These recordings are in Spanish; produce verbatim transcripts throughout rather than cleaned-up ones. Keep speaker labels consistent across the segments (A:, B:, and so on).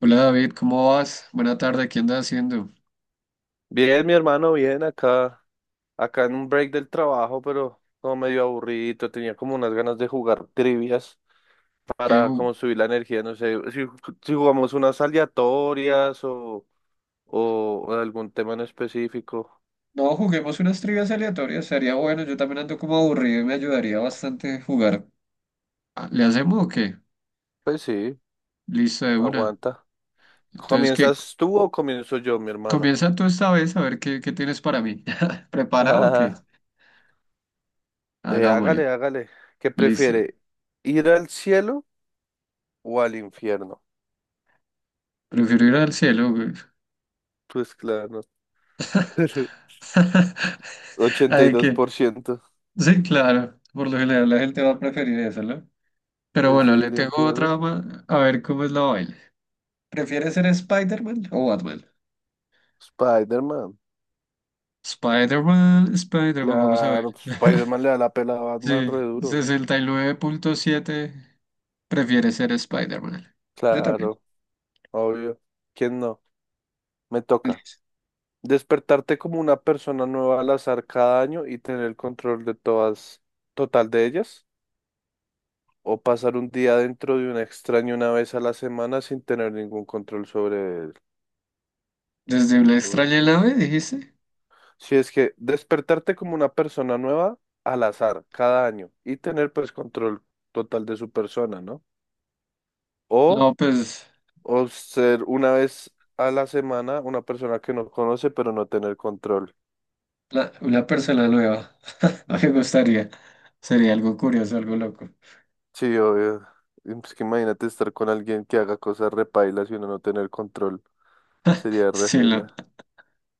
A: Hola David, ¿cómo vas? Buena tarde, ¿qué andas haciendo?
B: Bien, mi hermano, bien acá, acá en un break del trabajo, pero como medio aburrido, tenía como unas ganas de jugar trivias
A: ¿Qué
B: para
A: ju-
B: como subir la energía, no sé, si, si jugamos unas aleatorias o, o algún tema en específico,
A: No, juguemos unas trivias aleatorias, sería bueno, yo también ando como aburrido y me ayudaría bastante jugar. Ah, ¿le hacemos o qué?
B: pues sí,
A: Listo, de una.
B: aguanta.
A: Entonces, ¿qué?
B: ¿Comienzas tú o comienzo yo, mi hermano?
A: Comienza tú esta vez a ver qué, qué tienes para mí. ¿Preparado o qué?
B: Eh,
A: Hagámosle.
B: hágale, hágale. ¿Qué
A: Listo.
B: prefiere? ¿Ir al cielo o al infierno?
A: Prefiero ir al cielo, güey.
B: Pues claro. ochenta y
A: Ay,
B: dos
A: que...
B: por ciento.
A: Sí, claro. Por lo general la gente va a preferir eso, ¿no? Pero
B: Pues sí,
A: bueno, le
B: el
A: tengo otra
B: infierno.
A: más. A ver cómo es la vaina. ¿Prefieres ser Spider-Man o Batman?
B: Spider-Man,
A: Spider-Man, Spider-Man, vamos a ver.
B: claro, pues, Spider-Man le da la pela a Batman
A: Sí,
B: re duro, güey.
A: sesenta y nueve punto siete. Prefiere ser Spider-Man. Yo también.
B: Claro, obvio. ¿Quién no? Me toca.
A: Feliz.
B: Despertarte como una persona nueva al azar cada año y tener el control de todas, total de ellas, o pasar un día dentro de un extraño una vez a la semana sin tener ningún control sobre él.
A: Desde una extraña
B: Uf.
A: nave, dijiste.
B: Si es que despertarte como una persona nueva al azar cada año y tener pues control total de su persona, ¿no? O
A: No, pues
B: O ser una vez a la semana una persona que no conoce, pero no tener control.
A: la- una persona nueva. Me gustaría. Sería algo curioso, algo loco.
B: Sí, obvio. Y pues que imagínate estar con alguien que haga cosas repailas y uno no tener control. Sería
A: Sí, lo,
B: rejaila.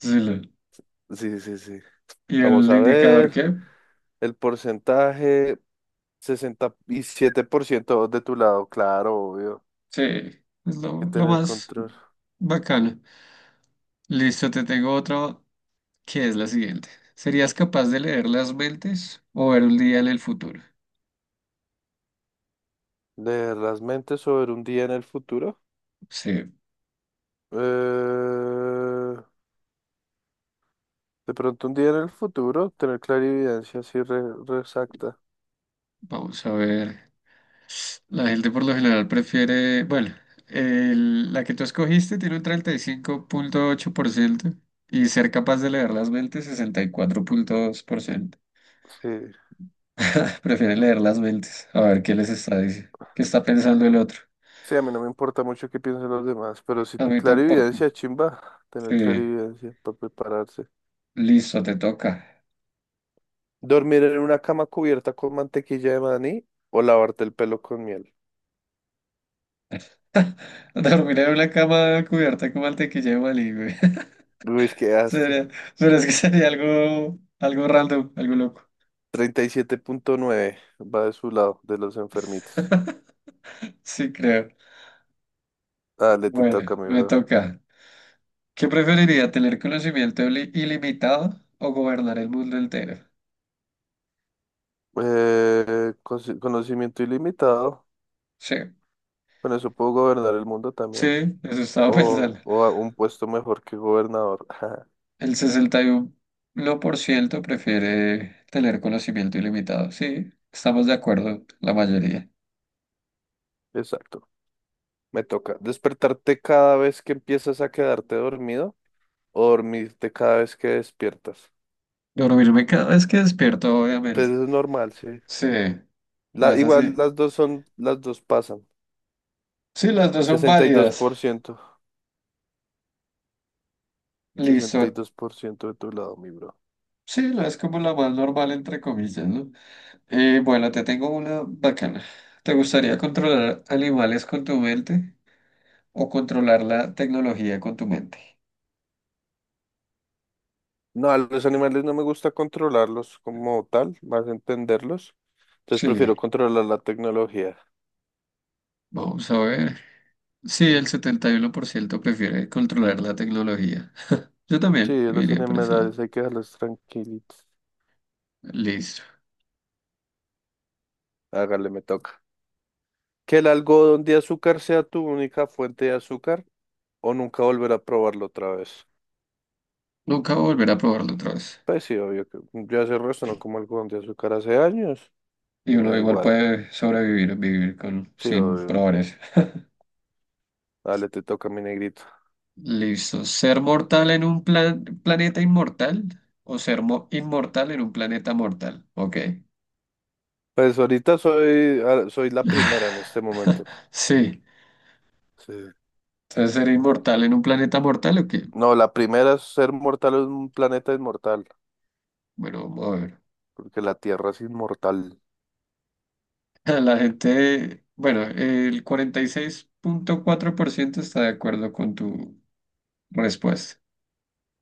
A: sí, lo.
B: Sí, sí, sí.
A: ¿Y
B: Vamos
A: el
B: a
A: indicador
B: ver.
A: qué?
B: El porcentaje, sesenta y siete por ciento de tu lado, claro, obvio.
A: Sí, es
B: Hay
A: lo,
B: que
A: lo
B: tener
A: más
B: control.
A: bacano. Listo, te tengo otra, que es la siguiente. ¿Serías capaz de leer las mentes o ver un día en el futuro?
B: Leer las mentes sobre un día en el futuro.
A: Sí,
B: Eh, de pronto un día en el futuro, tener clarividencia así re, re exacta.
A: vamos a ver. La gente por lo general prefiere, bueno, el- la que tú escogiste tiene un treinta y cinco punto ocho por ciento y ser capaz de leer las mentes sesenta y cuatro punto dos por ciento.
B: Sí,
A: Prefieren leer las mentes, a ver qué les está diciendo, qué está pensando el otro.
B: sí, a mí no me importa mucho qué piensen los demás, pero sí,
A: A mí tampoco.
B: clarividencia, chimba, tener
A: Sí,
B: clarividencia para prepararse.
A: listo, te toca.
B: Dormir en una cama cubierta con mantequilla de maní o lavarte el pelo con miel.
A: Dormir en una cama cubierta con mantequilla de maní, güey.
B: Uy, qué asco.
A: Sería, pero es que sería algo, algo random, algo loco.
B: Treinta y siete punto nueve va de su lado, de los enfermitos.
A: Sí, creo.
B: Dale, te
A: Bueno,
B: toca, mi
A: me
B: bro.
A: toca. ¿Qué preferiría, tener conocimiento ili- ilimitado o gobernar el mundo entero?
B: Eh, cosi- conocimiento ilimitado.
A: Sí,
B: Con eso puedo gobernar el mundo
A: sí,
B: también.
A: eso estaba
B: O,
A: pensando.
B: o a un puesto mejor que gobernador.
A: El sesenta y uno por ciento prefiere tener conocimiento ilimitado. Sí, estamos de acuerdo, la mayoría.
B: Exacto. Me toca despertarte cada vez que empiezas a quedarte dormido o dormirte cada vez que despiertas.
A: Dormirme cada vez que despierto,
B: Pues
A: obviamente.
B: es normal, sí.
A: Sí, no
B: La,
A: es
B: igual
A: así.
B: las dos son, las dos pasan.
A: Sí, las dos son
B: sesenta sesenta y y dos dos
A: válidas.
B: por ciento sesenta
A: Listo.
B: y dos por ciento de tu lado, mi bro.
A: Sí, la- es como la más normal, entre comillas, ¿no? Eh, bueno, te tengo una bacana. ¿Te gustaría controlar animales con tu mente o controlar la tecnología con tu mente?
B: No, a los animales no me gusta controlarlos como tal, más entenderlos. Entonces prefiero
A: Sí,
B: controlar la tecnología.
A: vamos a ver. Sí,
B: ¿Mm?
A: el setenta y uno por ciento prefiere controlar la tecnología. Yo
B: Sí,
A: también
B: a
A: me
B: los
A: iría por ese lado.
B: animales hay que dejarlos tranquilitos.
A: Listo.
B: Hágale, me toca. Que el algodón de azúcar sea tu única fuente de azúcar o nunca volver a probarlo otra vez.
A: Nunca volveré a probarlo otra vez.
B: Pues sí, obvio que yo hace el resto no como el con de azúcar hace años
A: Y
B: y me
A: uno
B: da
A: igual
B: igual.
A: puede sobrevivir, vivir con,
B: Sí,
A: sin
B: obvio.
A: probar eso.
B: Dale, te toca mi negrito.
A: Listo. ¿Ser mortal en un plan- planeta inmortal o ser mo- inmortal en un planeta mortal? Ok.
B: Pues ahorita soy, ah, soy la primera en este momento.
A: Sí.
B: Sí.
A: Entonces, ¿ser inmortal en un planeta mortal o qué?
B: No, la primera es ser mortal en un planeta inmortal,
A: Bueno, vamos a ver.
B: porque la Tierra es inmortal.
A: La gente, bueno, el cuarenta y seis punto cuatro por ciento está de acuerdo con tu respuesta.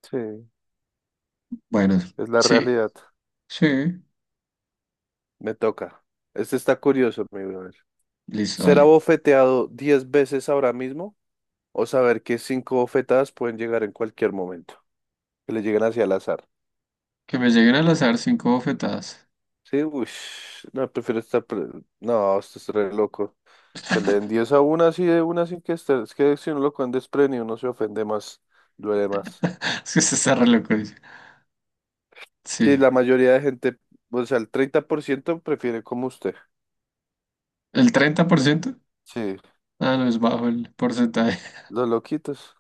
B: Sí,
A: Bueno,
B: es la
A: sí,
B: realidad.
A: sí.
B: Me toca. Este está curioso, mi brother.
A: Listo,
B: ¿Ser
A: vale.
B: abofeteado diez veces ahora mismo o saber que cinco bofetadas pueden llegar en cualquier momento? Que le lleguen hacia el azar.
A: Que me lleguen al azar cinco bofetadas.
B: Sí, uy, no, prefiero estar... pre- no, esto es re loco. Que le den diez a una así de una sin que esté. Es que si uno lo cogen desprevenido uno se ofende más, duele más.
A: Es que se está re loco, dice.
B: Sí,
A: Sí.
B: la mayoría de gente, o sea, el treinta por ciento prefiere como usted.
A: ¿El treinta por ciento?
B: Sí,
A: Ah, no, es bajo el porcentaje.
B: los loquitos.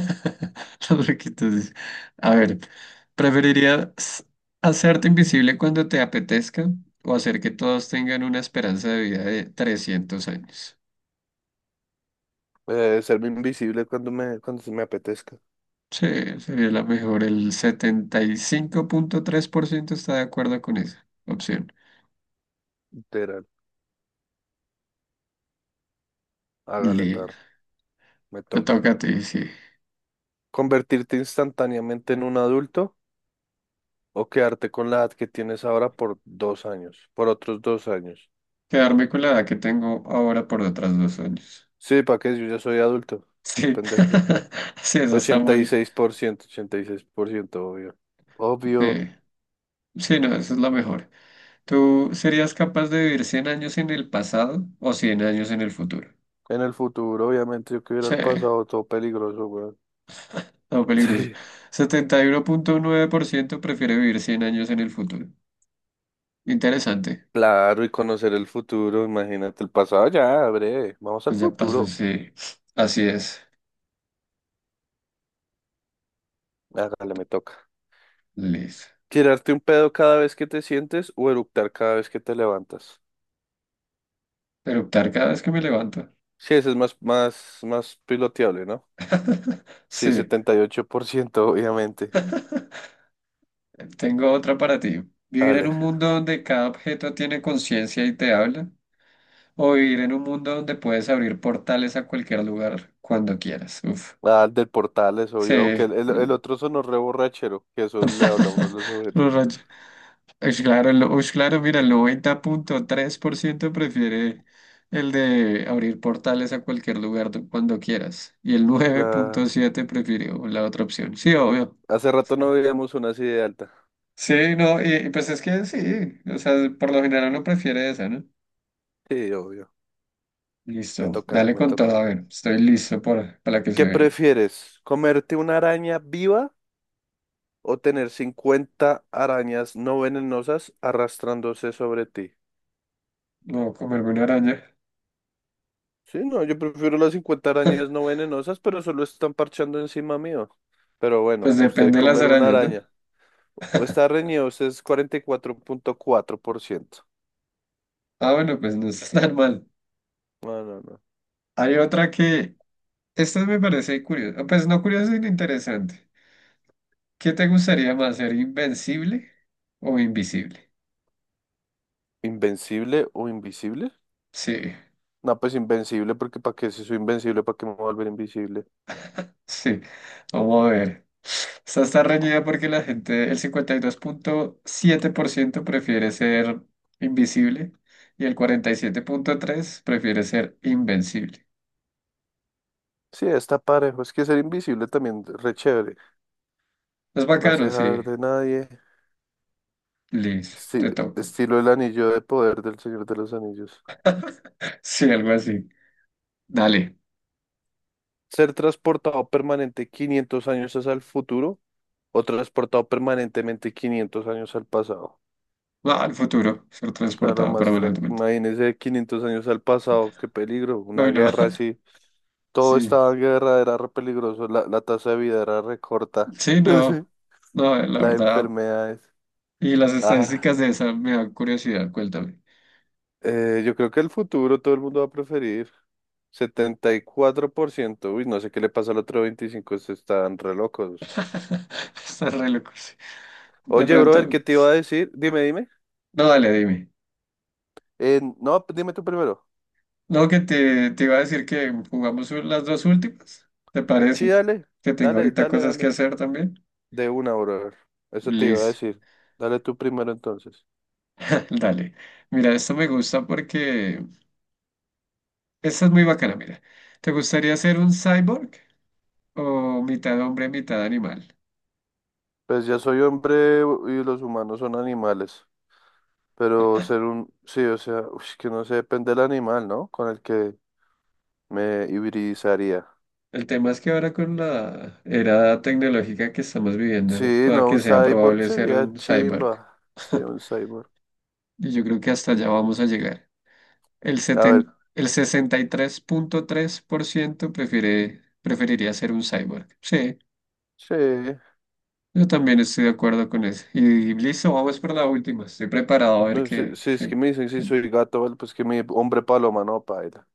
A: Los huequitos. A ver, ¿preferirías hacerte invisible cuando te apetezca o hacer que todos tengan una esperanza de vida de trescientos años?
B: Eh, serme invisible cuando me, cuando se me apetezca.
A: Sí, sería la mejor. El setenta y cinco punto tres por ciento está de acuerdo con esa opción.
B: Literal. Hágale, perro.
A: Listo.
B: Me
A: Te
B: toca.
A: toca a ti, sí.
B: ¿Convertirte instantáneamente en un adulto o quedarte con la edad que tienes ahora por dos años? Por otros dos años.
A: Quedarme con la edad que tengo ahora por otras dos años.
B: Sí, ¿para qué? Yo ya soy adulto. Está
A: Sí,
B: pendejo ese güey.
A: sí, esa está
B: ochenta y
A: muy...
B: seis por ciento, ochenta y seis por ciento, obvio. Obvio.
A: Sí, sí, no, esa es la mejor. ¿Tú serías capaz de vivir cien años en el pasado o cien años en el futuro?
B: En el futuro, obviamente, yo que hubiera
A: Sí,
B: el pasado, todo peligroso, weón.
A: no peligroso.
B: Sí.
A: Setenta y uno punto nueve por ciento prefiere vivir cien años en el futuro. Interesante.
B: Claro, y conocer el futuro, imagínate el pasado, ya, breve. Vamos al
A: Pues ya pasó,
B: futuro.
A: sí. Así es.
B: Hágale, me toca.
A: Listo.
B: ¿Tirarte un pedo cada vez que te sientes o eructar cada vez que te levantas?
A: Eruptar cada vez que me levanto.
B: Sí, ese es más, más, más piloteable, ¿no? Sí,
A: Sí.
B: setenta y ocho por ciento, obviamente.
A: Tengo otra para ti. ¿Vivir en
B: Dale.
A: un mundo donde cada objeto tiene conciencia y te habla? ¿O vivir en un mundo donde puedes abrir portales a cualquier lugar cuando quieras? Uf.
B: Ah, el del portal, eso
A: Sí,
B: obvio, aunque el, el, el otro sonó re borrachero, que eso le habla a uno de los objetos.
A: los rayos, Ush, claro, lo- ush, claro, mira, el noventa punto tres por ciento prefiere el de abrir portales a cualquier lugar do- cuando quieras. Y el nueve punto
B: Claro.
A: siete prefirió la otra opción. Sí, obvio.
B: Hace rato no veíamos una así de alta.
A: Sí, no, y y pues es que sí, o sea, por lo general uno prefiere esa, ¿no?
B: Sí, obvio. Me
A: Listo,
B: toca,
A: dale
B: me
A: con todo,
B: toca.
A: a ver, estoy listo por, para la que se
B: ¿Qué
A: viene.
B: prefieres? ¿Comerte una araña viva o tener cincuenta arañas no venenosas arrastrándose sobre ti?
A: No, comerme una araña.
B: Sí, no, yo prefiero las cincuenta arañas no venenosas, pero solo están parchando encima mío. Pero bueno,
A: Pues
B: usted
A: depende de las
B: comer una
A: arañas, ¿no?
B: araña. Está reñido, usted es cuarenta y cuatro cuatro punto cuatro por ciento.
A: Ah, bueno, pues no está tan mal.
B: No, no, no.
A: Hay otra que esto me parece curioso. Pues no curioso, sino interesante. ¿Qué te gustaría más, ser invencible o invisible?
B: ¿Invencible o invisible?
A: Sí,
B: No, pues invencible, porque ¿para qué? Si soy invencible, ¿para qué me voy a volver invisible?
A: sí. Vamos a ver. Esta está reñida porque la gente, el cincuenta y dos punto siete por ciento prefiere ser invisible y el cuarenta y siete punto tres por ciento prefiere ser invencible.
B: Sí, está parejo. Es que ser invisible también re chévere.
A: Es
B: No se
A: bacano,
B: deja
A: sí.
B: ver de nadie.
A: Liz,
B: Esti-
A: te toca.
B: estilo el anillo de poder del Señor de los Anillos.
A: Sí, algo así. Dale.
B: Ser transportado permanente quinientos años hacia el futuro o transportado permanentemente quinientos años al pasado.
A: Va al futuro, ser
B: Claro,
A: transportado
B: más tranqui.
A: permanentemente.
B: Imagínese quinientos años al pasado. Qué peligro. Una
A: Uy, no.
B: guerra así. Todo
A: Sí.
B: estaba en guerra, era re peligroso, la, la tasa de vida era re corta.
A: Sí,
B: Sí.
A: no, no, la
B: Las
A: verdad.
B: enfermedades.
A: Y las
B: Ah,
A: estadísticas de esa me dan curiosidad, cuéntame.
B: eh, yo creo que el futuro todo el mundo va a preferir. Setenta y cuatro por ciento. Uy, no sé qué le pasa al otro veinticinco por ciento, están re locos.
A: Estás re loco, sí. De
B: Oye, brother, ¿qué
A: pronto.
B: te iba a decir? Dime, dime.
A: No, dale, dime.
B: Eh, no, pues dime tú primero.
A: No, que te, te iba a decir que jugamos u- las dos últimas, ¿te
B: Sí,
A: parece?
B: dale,
A: Que tengo
B: dale,
A: ahorita
B: dale,
A: cosas que
B: dale.
A: hacer también.
B: De una, brother. Eso te iba a
A: Listo,
B: decir. Dale tú primero entonces.
A: dale. Mira, esto me gusta porque esta es muy bacana, mira. ¿Te gustaría ser un cyborg o mitad hombre, mitad animal?
B: Pues ya soy hombre y los humanos son animales. Pero ser un, sí, o sea, ush, que no sé, depende del animal, ¿no? Con el que me hibridizaría.
A: El tema es que ahora con la era tecnológica que estamos viviendo,
B: Sí,
A: pueda
B: no,
A: que
B: un
A: sea
B: cyborg
A: probable ser
B: sería
A: un cyborg.
B: chimba. Sí, un cyborg.
A: Y yo creo que hasta allá vamos a llegar. El
B: A
A: seten
B: ver,
A: el sesenta y tres tres punto tres por ciento prefiere, preferiría ser un cyborg. Sí,
B: sí.
A: yo también estoy de acuerdo con eso. Y, y listo, vamos por la última. Estoy preparado a ver
B: Bueno, si,
A: qué,
B: si es
A: qué-
B: que me dicen si
A: qué-
B: soy gato, vale, pues que mi hombre paloma, no, paila.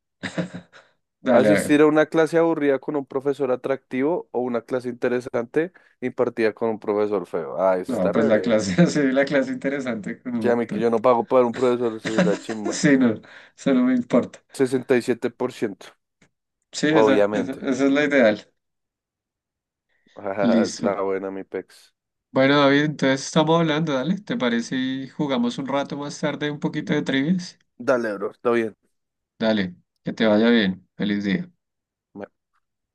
A: Dale, a
B: Asistir
A: ver.
B: a una clase aburrida con un profesor atractivo o una clase interesante impartida con un profesor feo. Ah, eso
A: No,
B: está
A: pues
B: re
A: la
B: breve.
A: clase, sí, la clase interesante con
B: Ya,
A: un...
B: mi que yo no pago para un profesor, sí, la chimba.
A: Sí, no, eso no me importa.
B: Sesenta y siete por ciento,
A: Sí, esa, esa,
B: obviamente.
A: esa es la ideal.
B: Ah, es la
A: Listo.
B: buena, mi pex.
A: Bueno, David, entonces estamos hablando, dale. ¿Te parece y jugamos un rato más tarde un poquito de trivias?
B: Dale, bro, está bien.
A: Dale, que te vaya bien. Feliz día.